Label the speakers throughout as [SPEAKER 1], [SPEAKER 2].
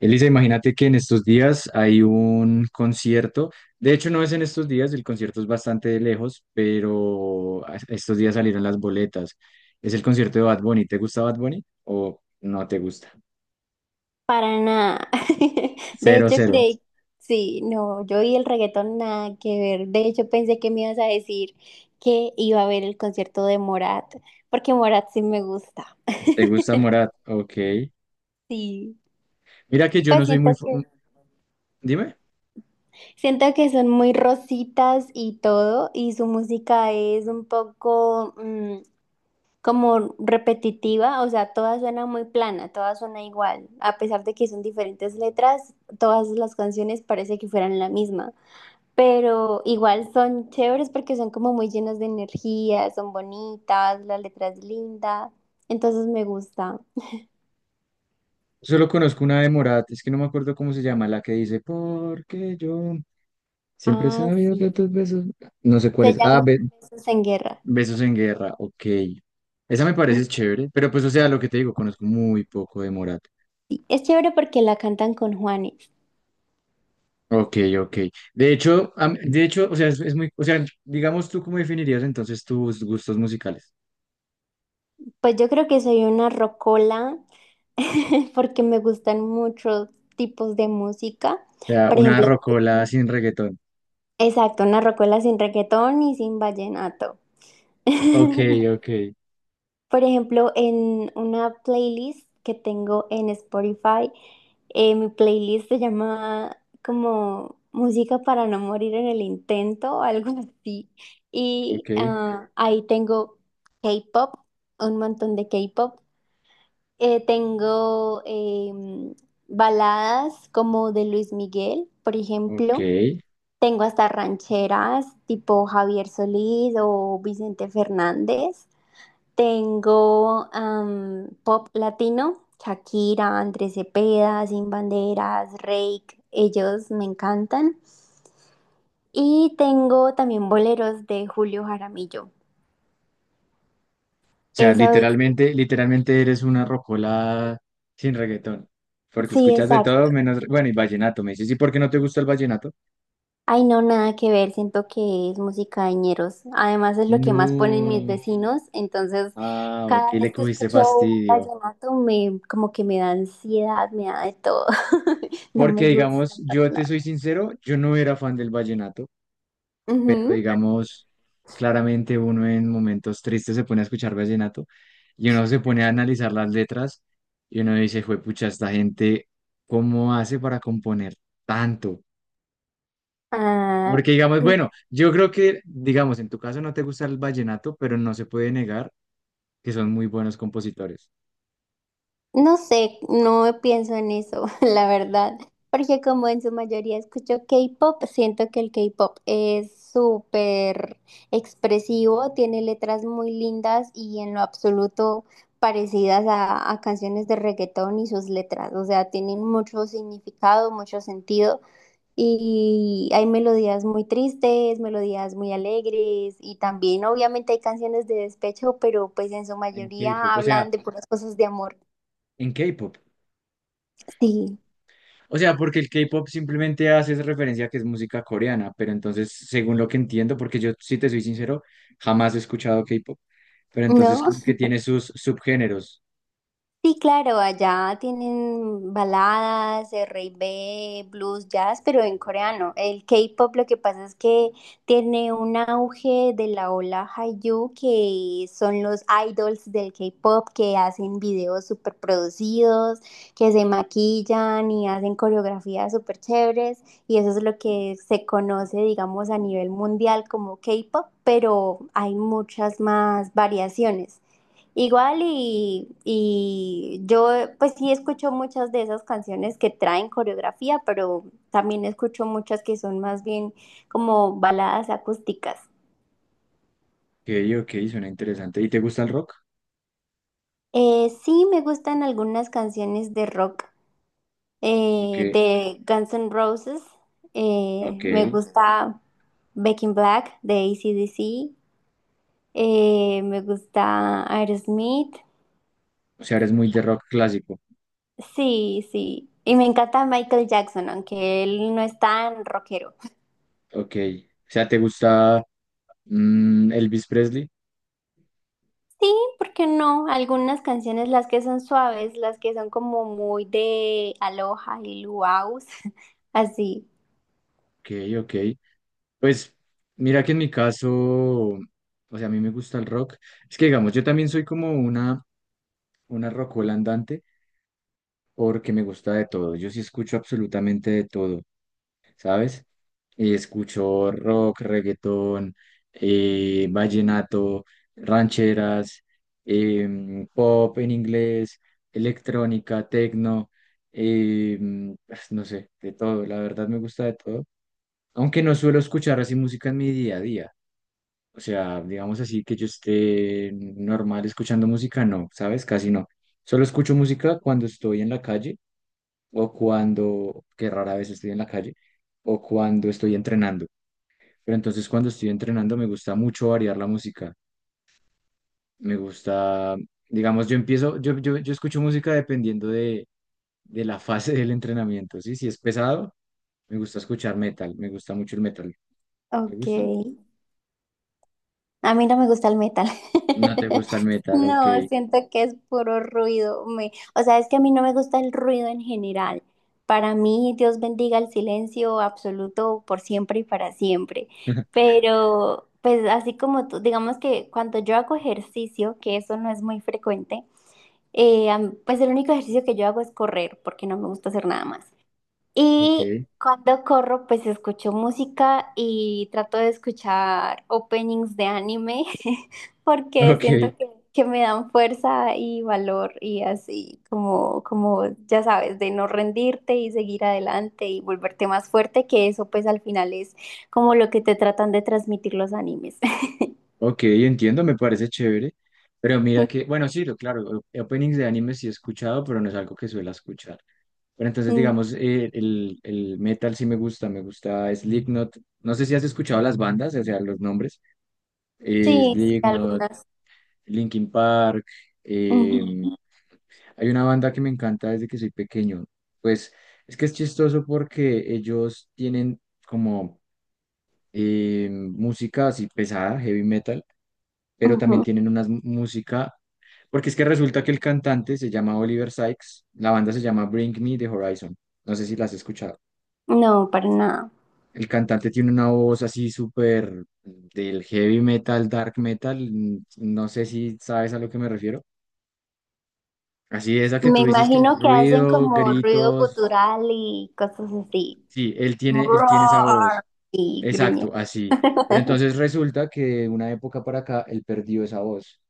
[SPEAKER 1] Elisa, imagínate que en estos días hay un concierto. De hecho, no es en estos días, el concierto es bastante de lejos, pero estos días salieron las boletas. Es el concierto de Bad Bunny. ¿Te gusta Bad Bunny o no te gusta?
[SPEAKER 2] Para nada. De
[SPEAKER 1] Cero,
[SPEAKER 2] hecho,
[SPEAKER 1] cero.
[SPEAKER 2] creí, sí, no, yo y el reggaetón nada que ver. De hecho, pensé que me ibas a decir que iba a ver el concierto de Morat, porque Morat sí me gusta.
[SPEAKER 1] ¿Te gusta Morat? Ok.
[SPEAKER 2] Sí,
[SPEAKER 1] Mira que yo no
[SPEAKER 2] pues
[SPEAKER 1] soy muy...
[SPEAKER 2] siento
[SPEAKER 1] fu-
[SPEAKER 2] que,
[SPEAKER 1] Dime.
[SPEAKER 2] siento que son muy rositas y todo, y su música es un poco como repetitiva, o sea, todas suena muy plana, todas suena igual, a pesar de que son diferentes letras, todas las canciones parece que fueran la misma. Pero igual son chéveres porque son como muy llenas de energía, son bonitas, la letra es linda, entonces me gusta.
[SPEAKER 1] Solo conozco una de Morat. Es que no me acuerdo cómo se llama, la que dice, porque yo siempre he
[SPEAKER 2] Ah,
[SPEAKER 1] sabido que
[SPEAKER 2] sí,
[SPEAKER 1] tus besos. No sé cuál
[SPEAKER 2] se
[SPEAKER 1] es. Ah,
[SPEAKER 2] llama Besos en Guerra.
[SPEAKER 1] Besos en Guerra, ok. Esa me parece chévere, pero pues, o sea, lo que te digo, conozco muy poco de Morat.
[SPEAKER 2] Sí, es chévere porque la cantan con Juanes.
[SPEAKER 1] Ok, ok. De hecho, o sea, es muy, o sea, digamos, ¿tú cómo definirías entonces tus gustos musicales?
[SPEAKER 2] Pues yo creo que soy una rocola porque me gustan muchos tipos de música.
[SPEAKER 1] O sea,
[SPEAKER 2] Por
[SPEAKER 1] una
[SPEAKER 2] ejemplo,
[SPEAKER 1] rocola sin reggaetón.
[SPEAKER 2] exacto, una rocola sin reggaetón y sin vallenato.
[SPEAKER 1] Ok, ok,
[SPEAKER 2] Por ejemplo, en una playlist que tengo en Spotify. Mi playlist se llama como Música para no morir en el intento o algo así. Y
[SPEAKER 1] ok,
[SPEAKER 2] ahí tengo K-pop, un montón de K-pop. Tengo baladas como de Luis Miguel, por
[SPEAKER 1] ok.
[SPEAKER 2] ejemplo. Tengo hasta rancheras tipo Javier Solís o Vicente Fernández. Tengo pop latino, Shakira, Andrés Cepeda, Sin Banderas, Reik, ellos me encantan. Y tengo también boleros de Julio Jaramillo.
[SPEAKER 1] O sea,
[SPEAKER 2] Eso es,
[SPEAKER 1] literalmente, literalmente eres una rocola sin reggaetón, porque
[SPEAKER 2] sí,
[SPEAKER 1] escuchas de
[SPEAKER 2] exacto.
[SPEAKER 1] todo menos, bueno, y vallenato, me dices, ¿y por qué no te gusta el vallenato?
[SPEAKER 2] Ay, no, nada que ver, siento que es música de ñeros. Además es lo que más ponen mis
[SPEAKER 1] No.
[SPEAKER 2] vecinos, entonces
[SPEAKER 1] Ah, ok,
[SPEAKER 2] cada
[SPEAKER 1] le
[SPEAKER 2] vez que
[SPEAKER 1] cogiste
[SPEAKER 2] escucho un
[SPEAKER 1] fastidio.
[SPEAKER 2] vallenato me como que me da ansiedad, me da de todo. No me
[SPEAKER 1] Porque,
[SPEAKER 2] gusta
[SPEAKER 1] digamos,
[SPEAKER 2] para
[SPEAKER 1] yo te soy
[SPEAKER 2] nada.
[SPEAKER 1] sincero, yo no era fan del vallenato, pero,
[SPEAKER 2] Ujú.
[SPEAKER 1] digamos, claramente uno en momentos tristes se pone a escuchar vallenato y uno se pone a analizar las letras y uno dice, juepucha, esta gente, ¿cómo hace para componer tanto?
[SPEAKER 2] Ah,
[SPEAKER 1] Porque, digamos, bueno, yo creo que, digamos, en tu caso no te gusta el vallenato, pero no se puede negar que son muy buenos compositores
[SPEAKER 2] no sé, no pienso en eso, la verdad, porque como en su mayoría escucho K-pop, siento que el K-pop es súper expresivo, tiene letras muy lindas y en lo absoluto parecidas a canciones de reggaetón y sus letras, o sea, tienen mucho significado, mucho sentido y hay melodías muy tristes, melodías muy alegres y también obviamente hay canciones de despecho, pero pues en su
[SPEAKER 1] en
[SPEAKER 2] mayoría
[SPEAKER 1] K-pop, o
[SPEAKER 2] hablan
[SPEAKER 1] sea,
[SPEAKER 2] de puras cosas de amor.
[SPEAKER 1] en K-pop.
[SPEAKER 2] Sí.
[SPEAKER 1] O sea, porque el K-pop simplemente hace esa referencia a que es música coreana, pero entonces, según lo que entiendo, porque yo, si te soy sincero, jamás he escuchado K-pop, pero entonces
[SPEAKER 2] No,
[SPEAKER 1] como que tiene sus subgéneros,
[SPEAKER 2] sí, claro, allá tienen baladas, R&B, blues, jazz, pero en coreano. El K-pop lo que pasa es que tiene un auge de la ola Hallyu, que son los idols del K-pop que hacen videos súper producidos, que se maquillan y hacen coreografías súper chéveres, y eso es lo que se conoce, digamos, a nivel mundial como K-pop, pero hay muchas más variaciones. Igual y yo pues sí escucho muchas de esas canciones que traen coreografía, pero también escucho muchas que son más bien como baladas acústicas.
[SPEAKER 1] que ok, ok, suena interesante. ¿Y te gusta el rock?
[SPEAKER 2] Sí me gustan algunas canciones de rock
[SPEAKER 1] Como que,
[SPEAKER 2] de Guns N' Roses. eh,
[SPEAKER 1] ok,
[SPEAKER 2] me gusta Back in Black de AC/DC. Me gusta Aerosmith.
[SPEAKER 1] o sea, eres muy de rock clásico,
[SPEAKER 2] Sí, sí. Y me encanta Michael Jackson, aunque él no es tan rockero.
[SPEAKER 1] ok. O sea, ¿te gusta Elvis Presley?
[SPEAKER 2] Sí, ¿porque no? Algunas canciones, las que son suaves, las que son como muy de aloha y luau, así.
[SPEAKER 1] Ok, ok. Pues mira que en mi caso, o sea, a mí me gusta el rock. Es que digamos, yo también soy como una rockola andante. Porque me gusta de todo. Yo sí escucho absolutamente de todo, ¿sabes? Escucho rock, reggaetón, vallenato, rancheras, pop en inglés, electrónica, tecno, em, no sé, de todo. La verdad me gusta de todo aunque no suelo escuchar así música en mi día a día. O sea, digamos así que yo esté normal escuchando música, no, ¿sabes? Casi no. Solo escucho música cuando estoy en la calle o cuando, que rara vez estoy en la calle, o cuando estoy entrenando. Pero entonces cuando estoy entrenando me gusta mucho variar la música. Me gusta, digamos, yo empiezo, yo escucho música dependiendo de la fase del entrenamiento, ¿sí? Si es pesado, me gusta escuchar metal, me gusta mucho el metal. ¿Te
[SPEAKER 2] Ok.
[SPEAKER 1] gusta?
[SPEAKER 2] A mí no me gusta el metal.
[SPEAKER 1] No te gusta el metal, ok.
[SPEAKER 2] No, siento que es puro ruido. Me, o sea, es que a mí no me gusta el ruido en general. Para mí, Dios bendiga el silencio absoluto por siempre y para siempre. Pero, pues así como tú, digamos que cuando yo hago ejercicio, que eso no es muy frecuente, pues el único ejercicio que yo hago es correr, porque no me gusta hacer nada más.
[SPEAKER 1] Ok,
[SPEAKER 2] Y cuando corro, pues escucho música y trato de escuchar openings de anime, porque
[SPEAKER 1] ok,
[SPEAKER 2] siento que me dan fuerza y valor y así como, como, ya sabes, de no rendirte y seguir adelante y volverte más fuerte, que eso pues al final es como lo que te tratan de transmitir los animes.
[SPEAKER 1] ok, entiendo, me parece chévere. Pero mira que, bueno, sí, lo claro, openings de anime sí he escuchado, pero no es algo que suela escuchar. Pero entonces,
[SPEAKER 2] Mm,
[SPEAKER 1] digamos, el metal sí me gusta Slipknot. No sé si has escuchado las bandas, o sea, los nombres.
[SPEAKER 2] sí, sí,
[SPEAKER 1] Slipknot,
[SPEAKER 2] algunas.
[SPEAKER 1] Linkin Park.
[SPEAKER 2] Ujú,
[SPEAKER 1] em, Hay una banda que me encanta desde que soy pequeño. Pues es que es chistoso porque ellos tienen como música así pesada, heavy metal, pero también
[SPEAKER 2] ujú.
[SPEAKER 1] tienen una música, porque es que resulta que el cantante se llama Oliver Sykes, la banda se llama Bring Me the Horizon. No sé si las has escuchado.
[SPEAKER 2] No, para nada.
[SPEAKER 1] El cantante tiene una voz así súper del heavy metal, dark metal. No sé si sabes a lo que me refiero. Así esa que
[SPEAKER 2] Me
[SPEAKER 1] tú dices que es
[SPEAKER 2] imagino que hacen
[SPEAKER 1] ruido,
[SPEAKER 2] como ruido
[SPEAKER 1] gritos.
[SPEAKER 2] gutural y cosas así.
[SPEAKER 1] Sí, él tiene esa
[SPEAKER 2] Roar
[SPEAKER 1] voz.
[SPEAKER 2] y gruñe.
[SPEAKER 1] Exacto, así. Pero entonces resulta que de una época para acá él perdió esa voz.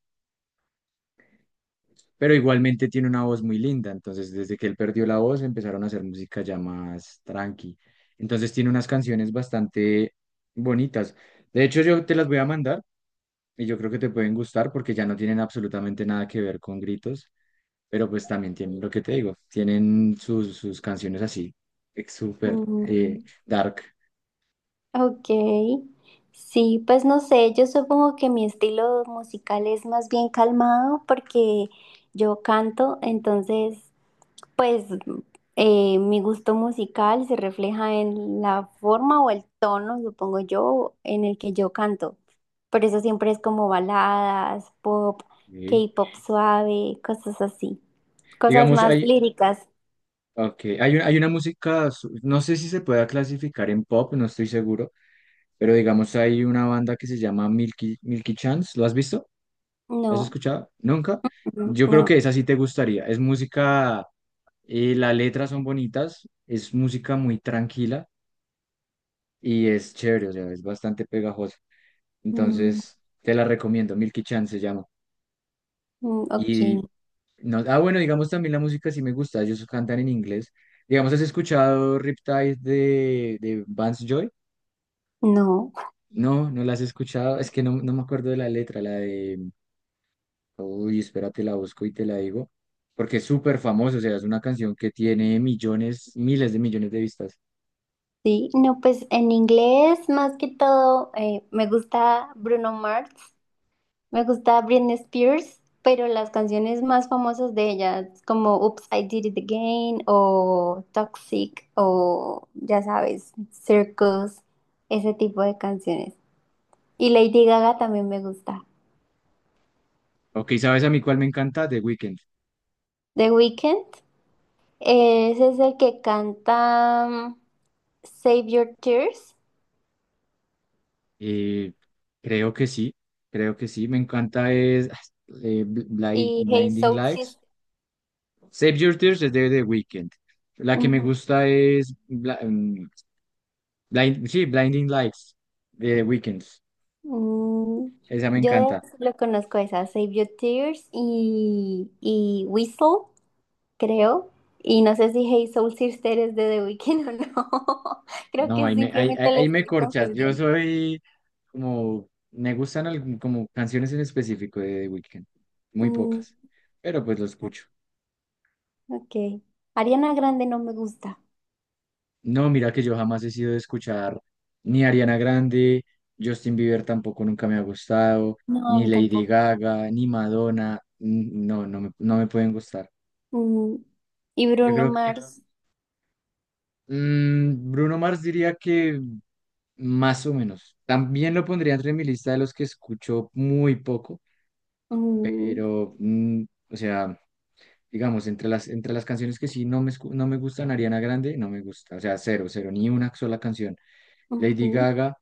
[SPEAKER 1] Pero igualmente tiene una voz muy linda. Entonces, desde que él perdió la voz, empezaron a hacer música ya más tranqui. Entonces tiene unas canciones bastante bonitas. De hecho, yo te las voy a mandar y yo creo que te pueden gustar porque ya no tienen absolutamente nada que ver con gritos. Pero pues también tienen lo que te digo, tienen sus canciones así, súper
[SPEAKER 2] Mm,
[SPEAKER 1] dark.
[SPEAKER 2] ok. Sí, pues no sé, yo supongo que mi estilo musical es más bien calmado porque yo canto, entonces pues mi gusto musical se refleja en la forma o el tono, supongo yo, en el que yo canto. Por eso siempre es como baladas, pop,
[SPEAKER 1] ¿Sí?
[SPEAKER 2] K-pop suave, cosas así. Cosas
[SPEAKER 1] Digamos,
[SPEAKER 2] más
[SPEAKER 1] hay,
[SPEAKER 2] líricas.
[SPEAKER 1] okay, hay, un- hay una música, no sé si se pueda clasificar en pop, no estoy seguro, pero digamos, hay una banda que se llama Milky Chance, ¿lo has visto? ¿Lo has
[SPEAKER 2] No,
[SPEAKER 1] escuchado? ¿Nunca?
[SPEAKER 2] mm,
[SPEAKER 1] Yo creo que
[SPEAKER 2] no.
[SPEAKER 1] esa sí te gustaría. Es música, las letras son bonitas, es música muy tranquila y es chévere, o sea, es bastante pegajosa.
[SPEAKER 2] Mm,
[SPEAKER 1] Entonces, te la recomiendo, Milky Chance se llama.
[SPEAKER 2] mm, ok,
[SPEAKER 1] Y no, ah, bueno, digamos también la música sí me gusta, ellos cantan en inglés. Digamos, ¿has escuchado Riptide de Vance Joy?
[SPEAKER 2] no.
[SPEAKER 1] No, no la has escuchado, es que no, no me acuerdo de la letra, la de, uy, espérate, la busco y te la digo, porque es súper famosa, o sea, es una canción que tiene millones, miles de millones de vistas.
[SPEAKER 2] Sí, no, pues en inglés más que todo me gusta Bruno Mars. Me gusta Britney Spears, pero las canciones más famosas de ella, como Oops, I Did It Again, o Toxic, o ya sabes, Circus, ese tipo de canciones. Y Lady Gaga también me gusta.
[SPEAKER 1] Ok, ¿sabes a mí cuál me encanta? The Weeknd.
[SPEAKER 2] The Weeknd, ese es el que canta Save Your Tears
[SPEAKER 1] Eh, Creo que sí, creo que sí, me encanta es
[SPEAKER 2] y Hey
[SPEAKER 1] Blinding
[SPEAKER 2] Soul
[SPEAKER 1] Lights.
[SPEAKER 2] Sister.
[SPEAKER 1] Save Your Tears es de The Weeknd. La que me
[SPEAKER 2] Ujú.
[SPEAKER 1] gusta es sí, Blinding Lights de The Weeknd.
[SPEAKER 2] Mm,
[SPEAKER 1] Esa me
[SPEAKER 2] Yo
[SPEAKER 1] encanta.
[SPEAKER 2] de- lo conozco esa, Save Your Tears y Whistle. Creo. Y no sé si Hey Soul Sister es de The Weeknd o no. Creo
[SPEAKER 1] No,
[SPEAKER 2] que simplemente lo
[SPEAKER 1] ahí me
[SPEAKER 2] estoy
[SPEAKER 1] corchas.
[SPEAKER 2] confundiendo.
[SPEAKER 1] Me gustan como canciones en específico de The Weeknd. Muy
[SPEAKER 2] Mm,
[SPEAKER 1] pocas, pero pues lo escucho.
[SPEAKER 2] ok. Ariana Grande no me gusta.
[SPEAKER 1] No, mira que yo jamás he sido de escuchar ni Ariana Grande, Justin Bieber tampoco nunca me ha gustado,
[SPEAKER 2] No, a
[SPEAKER 1] ni
[SPEAKER 2] mí
[SPEAKER 1] Lady
[SPEAKER 2] tampoco.
[SPEAKER 1] Gaga, ni Madonna. No, no me pueden gustar.
[SPEAKER 2] Mm, y
[SPEAKER 1] Yo
[SPEAKER 2] Bruno
[SPEAKER 1] creo
[SPEAKER 2] Mars.
[SPEAKER 1] Bruno Mars diría que más o menos. También lo pondría entre mi lista de los que escucho muy poco,
[SPEAKER 2] Mm,
[SPEAKER 1] pero, o sea, digamos, entre las, canciones que sí no me gustan, Ariana Grande, no me gusta, o sea, cero, cero, ni una sola canción. Lady
[SPEAKER 2] ujú,
[SPEAKER 1] Gaga,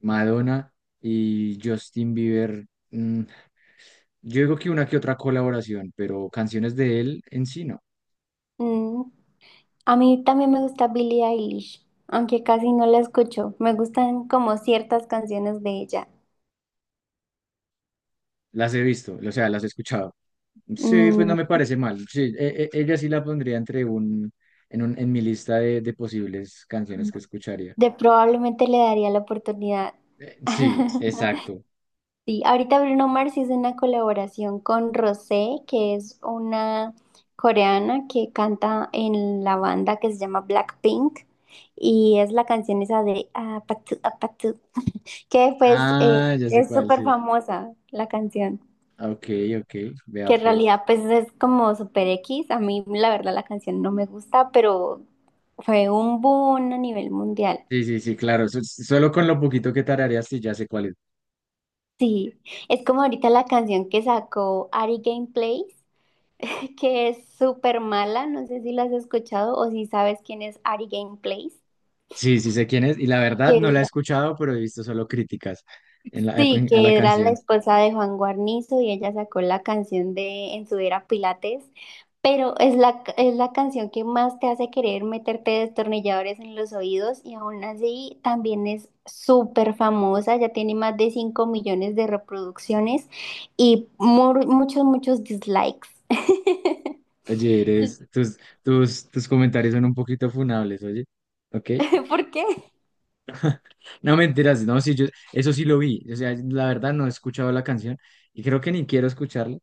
[SPEAKER 1] Madonna y Justin Bieber, yo digo que una que otra colaboración, pero canciones de él en sí no.
[SPEAKER 2] mm. A mí también me gusta Billie Eilish, aunque casi no la escucho. Me gustan como ciertas canciones de ella.
[SPEAKER 1] Las he visto, o sea, las he escuchado. Sí, pues
[SPEAKER 2] Mm,
[SPEAKER 1] no me parece mal. Sí, ella sí la pondría entre un, en mi lista de posibles canciones que escucharía.
[SPEAKER 2] de probablemente le daría la oportunidad.
[SPEAKER 1] Sí, exacto.
[SPEAKER 2] Sí, ahorita Bruno Mars hizo una colaboración con Rosé, que es una coreana que canta en la banda que se llama Blackpink y es la canción esa de Apatu Apatu, que pues
[SPEAKER 1] Ah, ya sé
[SPEAKER 2] es
[SPEAKER 1] cuál,
[SPEAKER 2] súper
[SPEAKER 1] sí.
[SPEAKER 2] famosa la canción,
[SPEAKER 1] Ok, ok, vea
[SPEAKER 2] que en
[SPEAKER 1] pues.
[SPEAKER 2] realidad pues es como super X, a mí la verdad la canción no me gusta, pero fue un boom a nivel mundial.
[SPEAKER 1] Sí, sí, sí, claro. Solo con lo poquito que tarareas, sí, ya sé cuál es.
[SPEAKER 2] Sí, es como ahorita la canción que sacó Ari Gameplays que es súper mala, no sé si la has escuchado o si sabes quién es Ari Gameplays,
[SPEAKER 1] Sí, sí sé quién es. Y la
[SPEAKER 2] que
[SPEAKER 1] verdad no la he
[SPEAKER 2] era-
[SPEAKER 1] escuchado, pero he visto solo críticas en la,
[SPEAKER 2] sí,
[SPEAKER 1] a la
[SPEAKER 2] que era la
[SPEAKER 1] canción.
[SPEAKER 2] esposa de Juan Guarnizo y ella sacó la canción de En su era Pilates, pero es la canción que más te hace querer meterte destornilladores en los oídos y aún así también es súper famosa, ya tiene más de 5 millones de reproducciones y mu muchos, muchos dislikes.
[SPEAKER 1] Oye, tus comentarios son un poquito funables, oye. Ok.
[SPEAKER 2] ¿Por qué?
[SPEAKER 1] No mentiras, no, sí, yo eso sí lo vi. O sea, la verdad no he escuchado la canción y creo que ni quiero escucharla.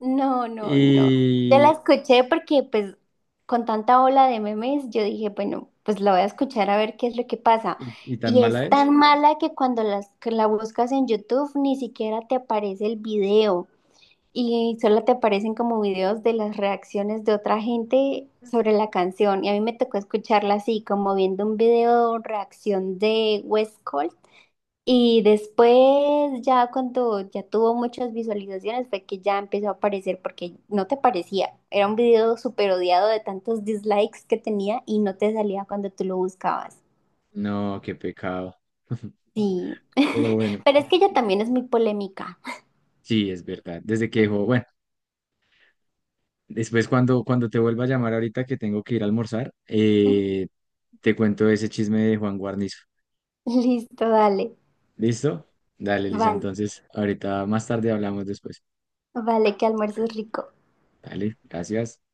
[SPEAKER 2] No, no, no. Te la
[SPEAKER 1] Y,
[SPEAKER 2] escuché porque pues con tanta ola de memes yo dije, bueno, pues la voy a escuchar a ver qué es lo que pasa.
[SPEAKER 1] y, y tan
[SPEAKER 2] Y es
[SPEAKER 1] mala es.
[SPEAKER 2] tan mala que cuando que la buscas en YouTube ni siquiera te aparece el video y solo te aparecen como videos de las reacciones de otra gente sobre la canción. Y a mí me tocó escucharla así, como viendo un video reacción de West y después ya cuando ya tuvo muchas visualizaciones fue que ya empezó a aparecer porque no te parecía. Era un video súper odiado de tantos dislikes que tenía y no te salía cuando tú lo buscabas.
[SPEAKER 1] No, qué pecado.
[SPEAKER 2] Sí,
[SPEAKER 1] Pero bueno,
[SPEAKER 2] pero es que ella también es muy polémica.
[SPEAKER 1] sí, es verdad. Desde que dejó, bueno, después cuando te vuelva a llamar ahorita que tengo que ir a almorzar, te cuento ese chisme de Juan Guarnizo.
[SPEAKER 2] Listo, dale.
[SPEAKER 1] ¿Listo? Dale, Lisa.
[SPEAKER 2] Vale,
[SPEAKER 1] Entonces, ahorita más tarde hablamos después.
[SPEAKER 2] vale, que almuerces rico.
[SPEAKER 1] Dale, gracias.